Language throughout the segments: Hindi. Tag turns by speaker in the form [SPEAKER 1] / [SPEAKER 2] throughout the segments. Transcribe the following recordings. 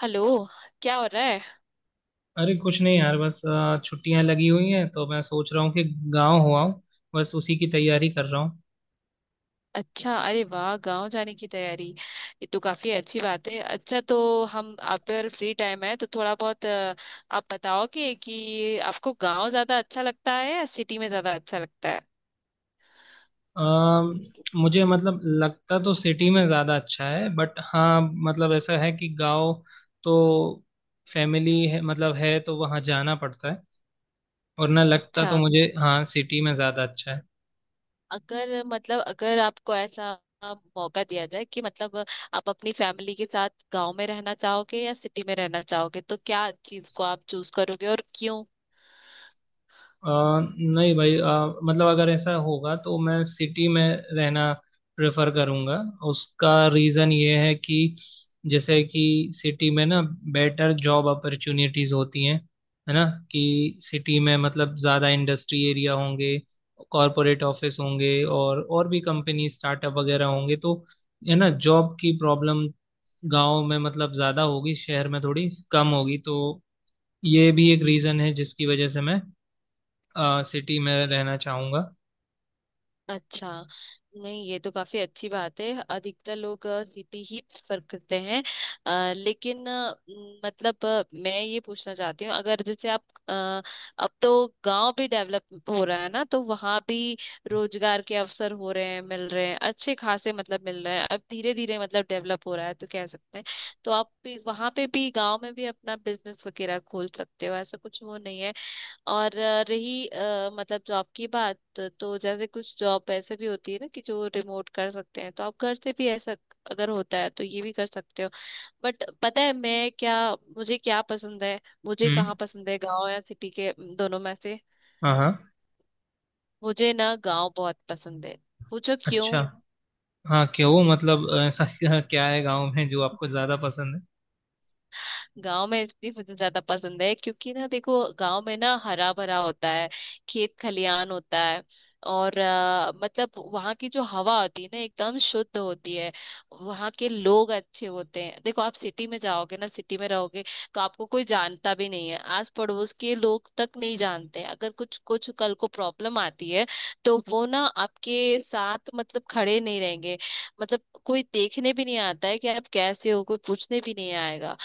[SPEAKER 1] हेलो। क्या हो रहा है।
[SPEAKER 2] अरे कुछ नहीं यार बस छुट्टियां लगी हुई हैं तो मैं सोच रहा हूँ कि गांव हो आऊँ। बस उसी की तैयारी कर रहा हूँ।
[SPEAKER 1] अच्छा। अरे वाह, गांव जाने की तैयारी। ये तो काफी अच्छी बात है। अच्छा तो हम आप पर फ्री टाइम है तो थोड़ा बहुत आप बताओगे कि आपको गांव ज्यादा अच्छा लगता है या सिटी में ज्यादा अच्छा लगता है।
[SPEAKER 2] अ, मुझे मतलब लगता तो सिटी में ज़्यादा अच्छा है बट हाँ। मतलब ऐसा है कि गांव तो फैमिली है, मतलब है तो वहाँ जाना पड़ता है। और ना लगता तो
[SPEAKER 1] अच्छा,
[SPEAKER 2] मुझे हाँ सिटी में ज़्यादा अच्छा है।
[SPEAKER 1] अगर मतलब अगर आपको ऐसा मौका दिया जाए कि मतलब आप अपनी फैमिली के साथ गांव में रहना चाहोगे या सिटी में रहना चाहोगे तो क्या चीज को आप चूज करोगे और क्यों।
[SPEAKER 2] नहीं भाई, मतलब अगर ऐसा होगा तो मैं सिटी में रहना प्रेफर करूँगा। उसका रीज़न ये है कि जैसे कि सिटी में ना बेटर जॉब अपॉर्चुनिटीज़ होती हैं, है ना। कि सिटी में मतलब ज़्यादा इंडस्ट्री एरिया होंगे, कॉरपोरेट ऑफिस होंगे और भी कंपनी स्टार्टअप वगैरह होंगे, तो है ना। जॉब की प्रॉब्लम गांव में मतलब ज़्यादा होगी, शहर में थोड़ी कम होगी, तो ये भी एक रीज़न है जिसकी वजह से मैं सिटी में रहना चाहूंगा।
[SPEAKER 1] अच्छा। नहीं, ये तो काफी अच्छी बात है। अधिकतर लोग सिटी ही प्रेफर करते हैं। लेकिन मतलब मैं ये पूछना चाहती हूँ, अगर जैसे आप अ, अब तो गांव भी डेवलप हो रहा है ना, तो वहां भी रोजगार के अवसर हो रहे हैं, मिल रहे हैं, अच्छे खासे मतलब मिल रहे हैं, अब धीरे धीरे मतलब डेवलप हो रहा है तो कह सकते हैं। तो आप भी वहां पे भी, गांव में भी अपना बिजनेस वगैरह खोल सकते हो, ऐसा कुछ वो नहीं है। और रही मतलब जॉब की बात तो जैसे कुछ जॉब ऐसे भी होती है ना, कि जो रिमोट कर सकते हैं, तो आप घर से भी ऐसा अगर होता है तो ये भी कर सकते हो। बट पता है मैं क्या, मुझे क्या पसंद है? मुझे
[SPEAKER 2] हम्म।
[SPEAKER 1] कहाँ पसंद है, गांव या सिटी के दोनों में से?
[SPEAKER 2] हाँ, हाँ।
[SPEAKER 1] मुझे ना गांव बहुत पसंद है। पूछो क्यों।
[SPEAKER 2] अच्छा। हाँ, क्यों? मतलब ऐसा क्या क्या है गांव में जो आपको ज्यादा पसंद है?
[SPEAKER 1] गांव में इसलिए मुझे ज्यादा पसंद है क्योंकि ना देखो, गांव में ना हरा भरा होता है, खेत खलियान होता है, और मतलब वहाँ की जो हवा होती है ना, एकदम शुद्ध होती है। वहाँ के लोग अच्छे होते हैं। देखो, आप सिटी में जाओगे ना, सिटी में रहोगे तो आपको कोई जानता भी नहीं है, आस पड़ोस के लोग तक नहीं जानते हैं। अगर कुछ कुछ कल को प्रॉब्लम आती है, तो वो ना आपके साथ मतलब खड़े नहीं रहेंगे। मतलब कोई देखने भी नहीं आता है कि आप कैसे हो, कोई पूछने भी नहीं आएगा,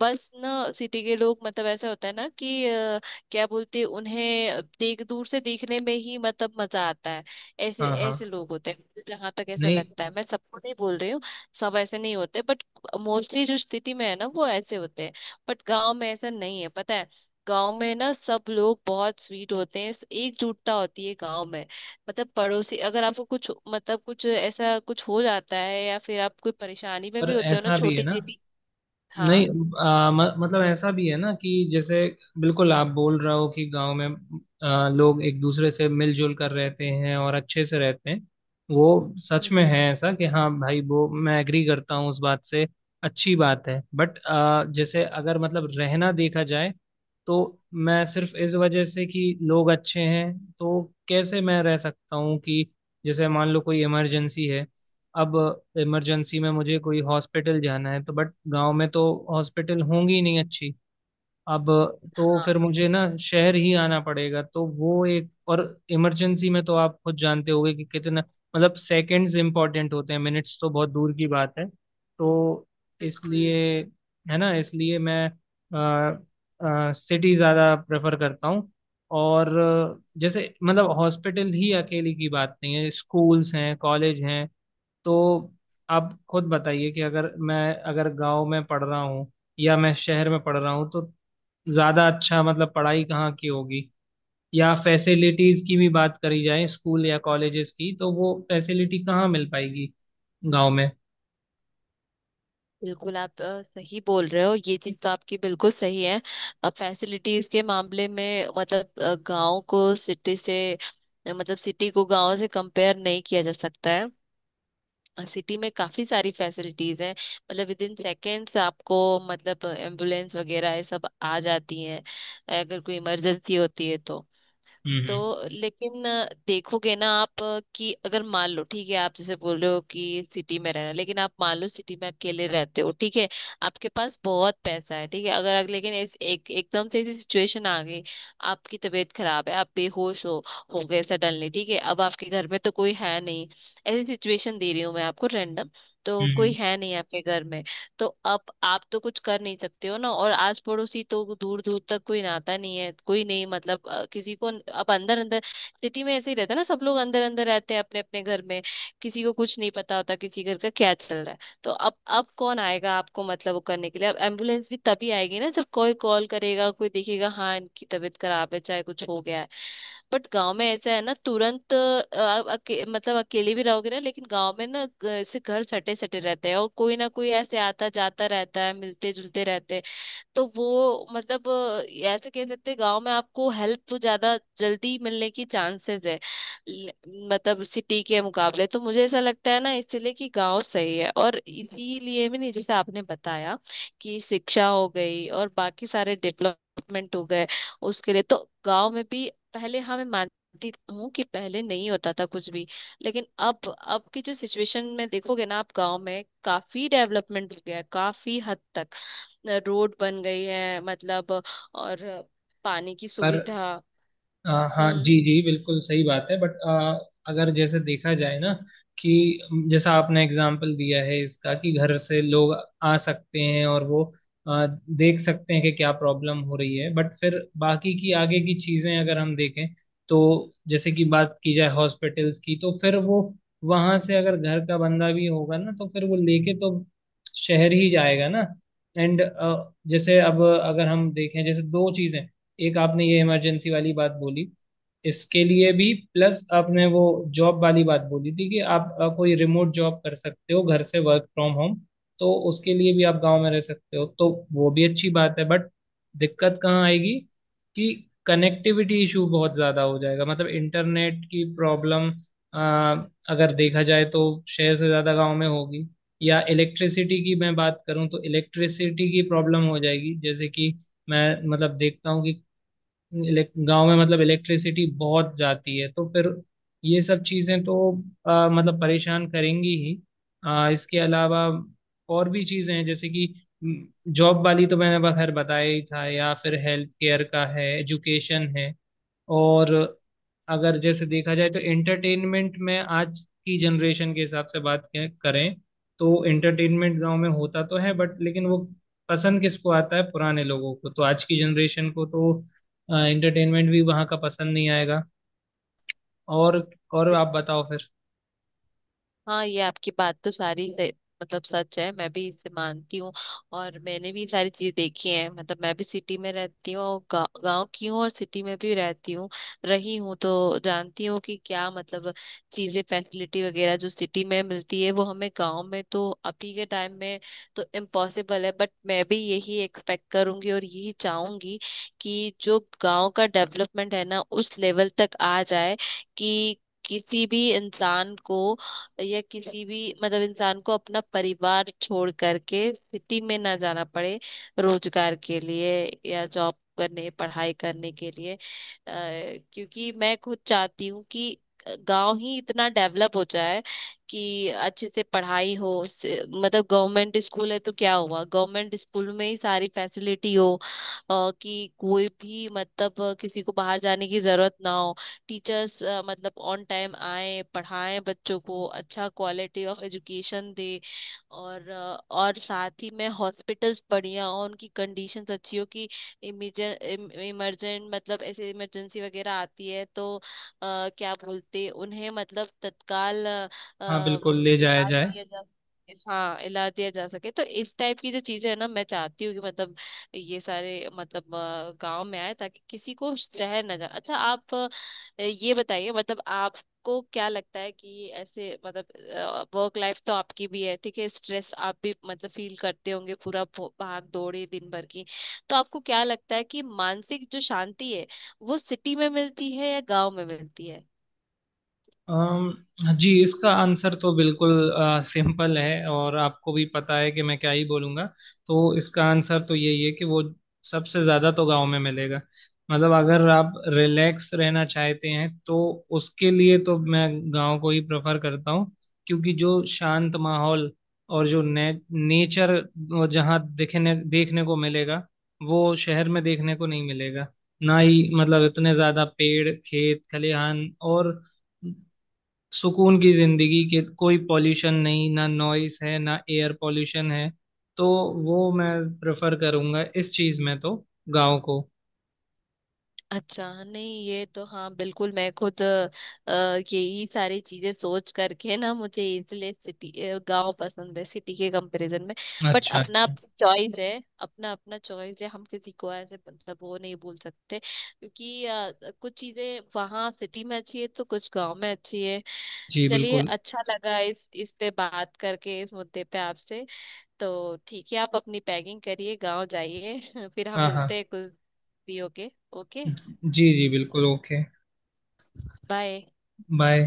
[SPEAKER 1] बस ना। सिटी के लोग मतलब ऐसा होता है ना कि क्या बोलते हैं उन्हें, देख दूर से देखने में ही मतलब मजा आता है। ऐसे
[SPEAKER 2] हाँ,
[SPEAKER 1] ऐसे
[SPEAKER 2] हाँ।
[SPEAKER 1] लोग होते हैं, जहां तक ऐसा
[SPEAKER 2] नहीं।
[SPEAKER 1] लगता है। मैं सबको नहीं बोल रही हूँ, सब ऐसे नहीं होते, बट मोस्टली जो सिटी में है ना वो ऐसे होते हैं। बट गांव में ऐसा नहीं है, पता है। गांव में ना सब लोग बहुत स्वीट होते हैं, एकजुटता होती है गांव में। मतलब पड़ोसी अगर आपको कुछ मतलब कुछ ऐसा कुछ हो जाता है, या फिर आप कोई परेशानी में
[SPEAKER 2] पर
[SPEAKER 1] भी होते हो ना,
[SPEAKER 2] ऐसा भी है
[SPEAKER 1] छोटी
[SPEAKER 2] ना।
[SPEAKER 1] सी भी। हाँ,
[SPEAKER 2] नहीं, आ, म, मतलब ऐसा भी है ना कि जैसे बिल्कुल आप बोल रहे हो कि गांव में लोग एक दूसरे से मिलजुल कर रहते हैं और अच्छे से रहते हैं। वो सच में है ऐसा कि हाँ भाई, वो मैं एग्री करता हूँ उस बात से। अच्छी बात है बट जैसे अगर मतलब रहना देखा जाए तो मैं सिर्फ इस वजह से कि लोग अच्छे हैं तो कैसे मैं रह सकता हूँ कि जैसे मान लो कोई इमरजेंसी है। अब इमरजेंसी में मुझे कोई हॉस्पिटल जाना है तो बट गांव में तो हॉस्पिटल होंगी नहीं अच्छी। अब तो फिर
[SPEAKER 1] हाँ,
[SPEAKER 2] मुझे ना शहर ही आना पड़ेगा तो वो एक और। इमरजेंसी में तो आप खुद जानते होगे कि कितना मतलब सेकंड्स इंपॉर्टेंट होते हैं, मिनट्स तो बहुत दूर की बात है, तो
[SPEAKER 1] बिल्कुल,
[SPEAKER 2] इसलिए, है ना, इसलिए मैं सिटी ज़्यादा प्रेफर करता हूँ। और जैसे मतलब हॉस्पिटल ही अकेली की बात नहीं है, स्कूल्स हैं, कॉलेज हैं। तो आप खुद बताइए कि अगर गांव में पढ़ रहा हूँ या मैं शहर में पढ़ रहा हूँ, तो ज़्यादा अच्छा मतलब पढ़ाई कहाँ की होगी? या फैसिलिटीज़ की भी बात करी जाए स्कूल या कॉलेजेस की, तो वो फैसिलिटी कहाँ मिल पाएगी गांव में?
[SPEAKER 1] बिल्कुल आप सही बोल रहे हो, ये चीज तो आपकी बिल्कुल सही है। फैसिलिटीज के मामले में मतलब गांव को सिटी से, मतलब सिटी को गांव से कंपेयर नहीं किया जा सकता है। सिटी में काफी सारी फैसिलिटीज हैं, मतलब विद इन सेकेंड्स आपको, मतलब एम्बुलेंस वगैरह ये सब आ जाती हैं, अगर कोई इमरजेंसी होती है तो
[SPEAKER 2] हम्म,
[SPEAKER 1] तो
[SPEAKER 2] हम्म,
[SPEAKER 1] लेकिन देखोगे ना आप, कि अगर मान लो, ठीक है, आप जैसे बोल रहे हो कि सिटी में रहना, लेकिन आप मान लो सिटी में अकेले रहते हो, ठीक है, आपके पास बहुत पैसा है, ठीक है। अगर अगर- लेकिन इस एक एकदम से ऐसी सिचुएशन आ गई, आपकी तबीयत खराब है, आप बेहोश हो गए सडनली, ठीक है। अब आपके घर में तो कोई है नहीं, ऐसी सिचुएशन दे रही हूँ मैं आपको रैंडम, तो कोई
[SPEAKER 2] हम्म।
[SPEAKER 1] है नहीं आपके घर में। तो अब आप तो कुछ कर नहीं सकते हो ना, और आस पड़ोसी तो दूर दूर तक कोई नाता नहीं है, कोई नहीं मतलब किसी को। अब अंदर अंदर, सिटी में ऐसे ही रहता है ना, सब लोग अंदर अंदर रहते हैं अपने अपने घर में। किसी को कुछ नहीं पता होता किसी घर का क्या चल रहा है। तो अब कौन आएगा आपको मतलब वो करने के लिए, अब एम्बुलेंस भी तभी आएगी ना जब कोई कॉल करेगा, कोई देखेगा हाँ इनकी तबीयत खराब है चाहे कुछ हो गया है। बट गांव में ऐसा है ना, तुरंत आप मतलब अकेले भी रहोगे ना, लेकिन गांव में ना ऐसे घर सटे सटे रहते हैं, और कोई ना कोई ऐसे आता जाता रहता है, मिलते जुलते रहते हैं। तो वो मतलब ऐसे कह सकते हैं गांव में आपको हेल्प तो ज्यादा जल्दी मिलने की चांसेस है। ल- मतलब सिटी के मुकाबले तो मुझे ऐसा लगता है ना, इसीलिए कि गांव सही है। और इसीलिए भी नहीं जैसे आपने बताया, कि शिक्षा हो गई और बाकी सारे डेवलपमेंट हो गए, उसके लिए तो गांव में भी पहले, हाँ मैं मानती हूँ कि पहले नहीं होता था कुछ भी, लेकिन अब की जो सिचुएशन में देखोगे ना आप, गांव में काफी डेवलपमेंट हो गया है, काफी हद तक रोड बन गई है मतलब, और पानी की
[SPEAKER 2] पर
[SPEAKER 1] सुविधा।
[SPEAKER 2] अ, हाँ
[SPEAKER 1] हम्म।
[SPEAKER 2] जी, जी, बिल्कुल सही बात है बट अगर जैसे देखा जाए ना कि जैसा आपने एग्जाम्पल दिया है इसका कि घर से लोग आ सकते हैं और वो अ, देख सकते हैं कि क्या प्रॉब्लम हो रही है बट फिर बाकी की आगे की चीजें अगर हम देखें तो जैसे कि बात की जाए हॉस्पिटल्स की, तो फिर वो वहां से अगर घर का बंदा भी होगा ना तो फिर वो लेके तो शहर ही जाएगा ना। एंड जैसे अब अगर हम देखें जैसे दो चीजें, एक आपने ये इमरजेंसी वाली बात बोली, इसके लिए भी, प्लस आपने वो जॉब वाली बात बोली थी कि आप कोई रिमोट जॉब कर सकते हो घर से, वर्क फ्रॉम होम, तो उसके लिए भी आप गांव में रह सकते हो, तो वो भी अच्छी बात है बट दिक्कत कहाँ आएगी कि कनेक्टिविटी इशू बहुत ज़्यादा हो जाएगा, मतलब इंटरनेट की प्रॉब्लम अगर देखा जाए तो शहर से ज़्यादा गांव में होगी। या इलेक्ट्रिसिटी की मैं बात करूं तो इलेक्ट्रिसिटी की प्रॉब्लम हो जाएगी, जैसे कि मैं मतलब देखता हूँ कि इलेक्ट गांव में मतलब इलेक्ट्रिसिटी बहुत जाती है तो फिर ये सब चीजें तो मतलब परेशान करेंगी ही। इसके अलावा और भी चीजें हैं जैसे कि जॉब वाली तो मैंने बखैर बताया ही था, या फिर हेल्थ केयर का है, एजुकेशन है। और अगर जैसे देखा जाए तो एंटरटेनमेंट में आज की जनरेशन के हिसाब से बात करें तो एंटरटेनमेंट गांव में होता तो है बट लेकिन वो पसंद किसको आता है? पुराने लोगों को। तो आज की जनरेशन को तो एंटरटेनमेंट भी वहाँ का पसंद नहीं आएगा। और और आप बताओ फिर।
[SPEAKER 1] हाँ, ये आपकी बात तो सारी मतलब सच है, मैं भी इसे मानती हूँ। और मैंने भी ये सारी चीजें देखी हैं, मतलब मैं भी सिटी में रहती हूँ और गाँव की हूँ और सिटी में भी रहती हूँ, रही हूँ, तो जानती हूँ कि क्या मतलब चीजें फैसिलिटी वगैरह जो सिटी में मिलती है, वो हमें गाँव में तो अभी के टाइम में तो इम्पॉसिबल है, बट मैं भी यही एक्सपेक्ट करूंगी और यही चाहूंगी कि जो गाँव का डेवलपमेंट है ना, उस लेवल तक आ जाए कि किसी भी इंसान को, या किसी भी मतलब इंसान को अपना परिवार छोड़ करके सिटी में ना जाना पड़े, रोजगार के लिए या जॉब करने, पढ़ाई करने के लिए क्योंकि मैं खुद चाहती हूँ कि गांव ही इतना डेवलप हो जाए कि अच्छे से पढ़ाई हो मतलब गवर्नमेंट स्कूल है तो क्या हुआ, गवर्नमेंट स्कूल में ही सारी फैसिलिटी हो, कि कोई भी मतलब किसी को बाहर जाने की जरूरत ना हो। टीचर्स मतलब ऑन टाइम आए, पढ़ाएं बच्चों को अच्छा क्वालिटी ऑफ एजुकेशन दे। और साथ ही में हॉस्पिटल्स बढ़िया हो, उनकी कंडीशंस अच्छी हो, कि इमरजेंट इमरजेंट मतलब ऐसे इमरजेंसी वगैरह आती है तो क्या बोलते उन्हें, मतलब तत्काल
[SPEAKER 2] हाँ,
[SPEAKER 1] अ,
[SPEAKER 2] बिल्कुल ले जाया
[SPEAKER 1] इलाज
[SPEAKER 2] जाए।
[SPEAKER 1] दिया जा, हाँ इलाज दिया जा सके, तो इस टाइप की जो चीजें है ना, मैं चाहती हूँ कि मतलब ये सारे मतलब गांव में आए, ताकि किसी को शहर ना जाए। अच्छा, आप ये बताइए, मतलब आपको क्या लगता है कि ऐसे मतलब वर्क लाइफ तो आपकी भी है, ठीक है, स्ट्रेस आप भी मतलब फील करते होंगे पूरा, भाग दौड़ है दिन भर की, तो आपको क्या लगता है कि मानसिक जो शांति है, वो सिटी में मिलती है या गांव में मिलती है?
[SPEAKER 2] जी, इसका आंसर तो बिल्कुल सिंपल है और आपको भी पता है कि मैं क्या ही बोलूँगा। तो इसका आंसर तो यही है कि वो सबसे ज़्यादा तो गांव में मिलेगा। मतलब अगर आप रिलैक्स रहना चाहते हैं तो उसके लिए तो मैं गांव को ही प्रेफर करता हूँ क्योंकि जो शांत माहौल और जो नेचर जहाँ देखने देखने को मिलेगा वो शहर में देखने को नहीं मिलेगा, ना ही मतलब इतने ज़्यादा पेड़ खेत खलिहान और सुकून की जिंदगी। के कोई पॉल्यूशन नहीं, ना नॉइस है, ना एयर पॉल्यूशन है। तो वो मैं प्रेफर करूंगा इस चीज में तो, गांव को।
[SPEAKER 1] अच्छा, नहीं ये तो हाँ बिल्कुल, मैं खुद अ, यही सारी चीजें सोच करके ना मुझे इसलिए सिटी गांव पसंद है, सिटी के कंपैरिजन में। बट
[SPEAKER 2] अच्छा,
[SPEAKER 1] अपना
[SPEAKER 2] अच्छा।
[SPEAKER 1] चॉइस है, अपना अपना चॉइस है, हम किसी को ऐसे मतलब वो नहीं बोल सकते, क्योंकि कुछ चीजें वहाँ सिटी में अच्छी है, तो कुछ गांव में अच्छी है।
[SPEAKER 2] जी
[SPEAKER 1] चलिए,
[SPEAKER 2] बिल्कुल।
[SPEAKER 1] अच्छा लगा इस पे बात करके, इस मुद्दे पे आपसे। तो ठीक है, आप अपनी पैकिंग करिए, गांव जाइए। फिर हम
[SPEAKER 2] हाँ, हाँ।
[SPEAKER 1] मिलते हैं कुछ फ्री होके। ओके।
[SPEAKER 2] जी, जी, बिल्कुल। ओके।
[SPEAKER 1] बाय।
[SPEAKER 2] बाय।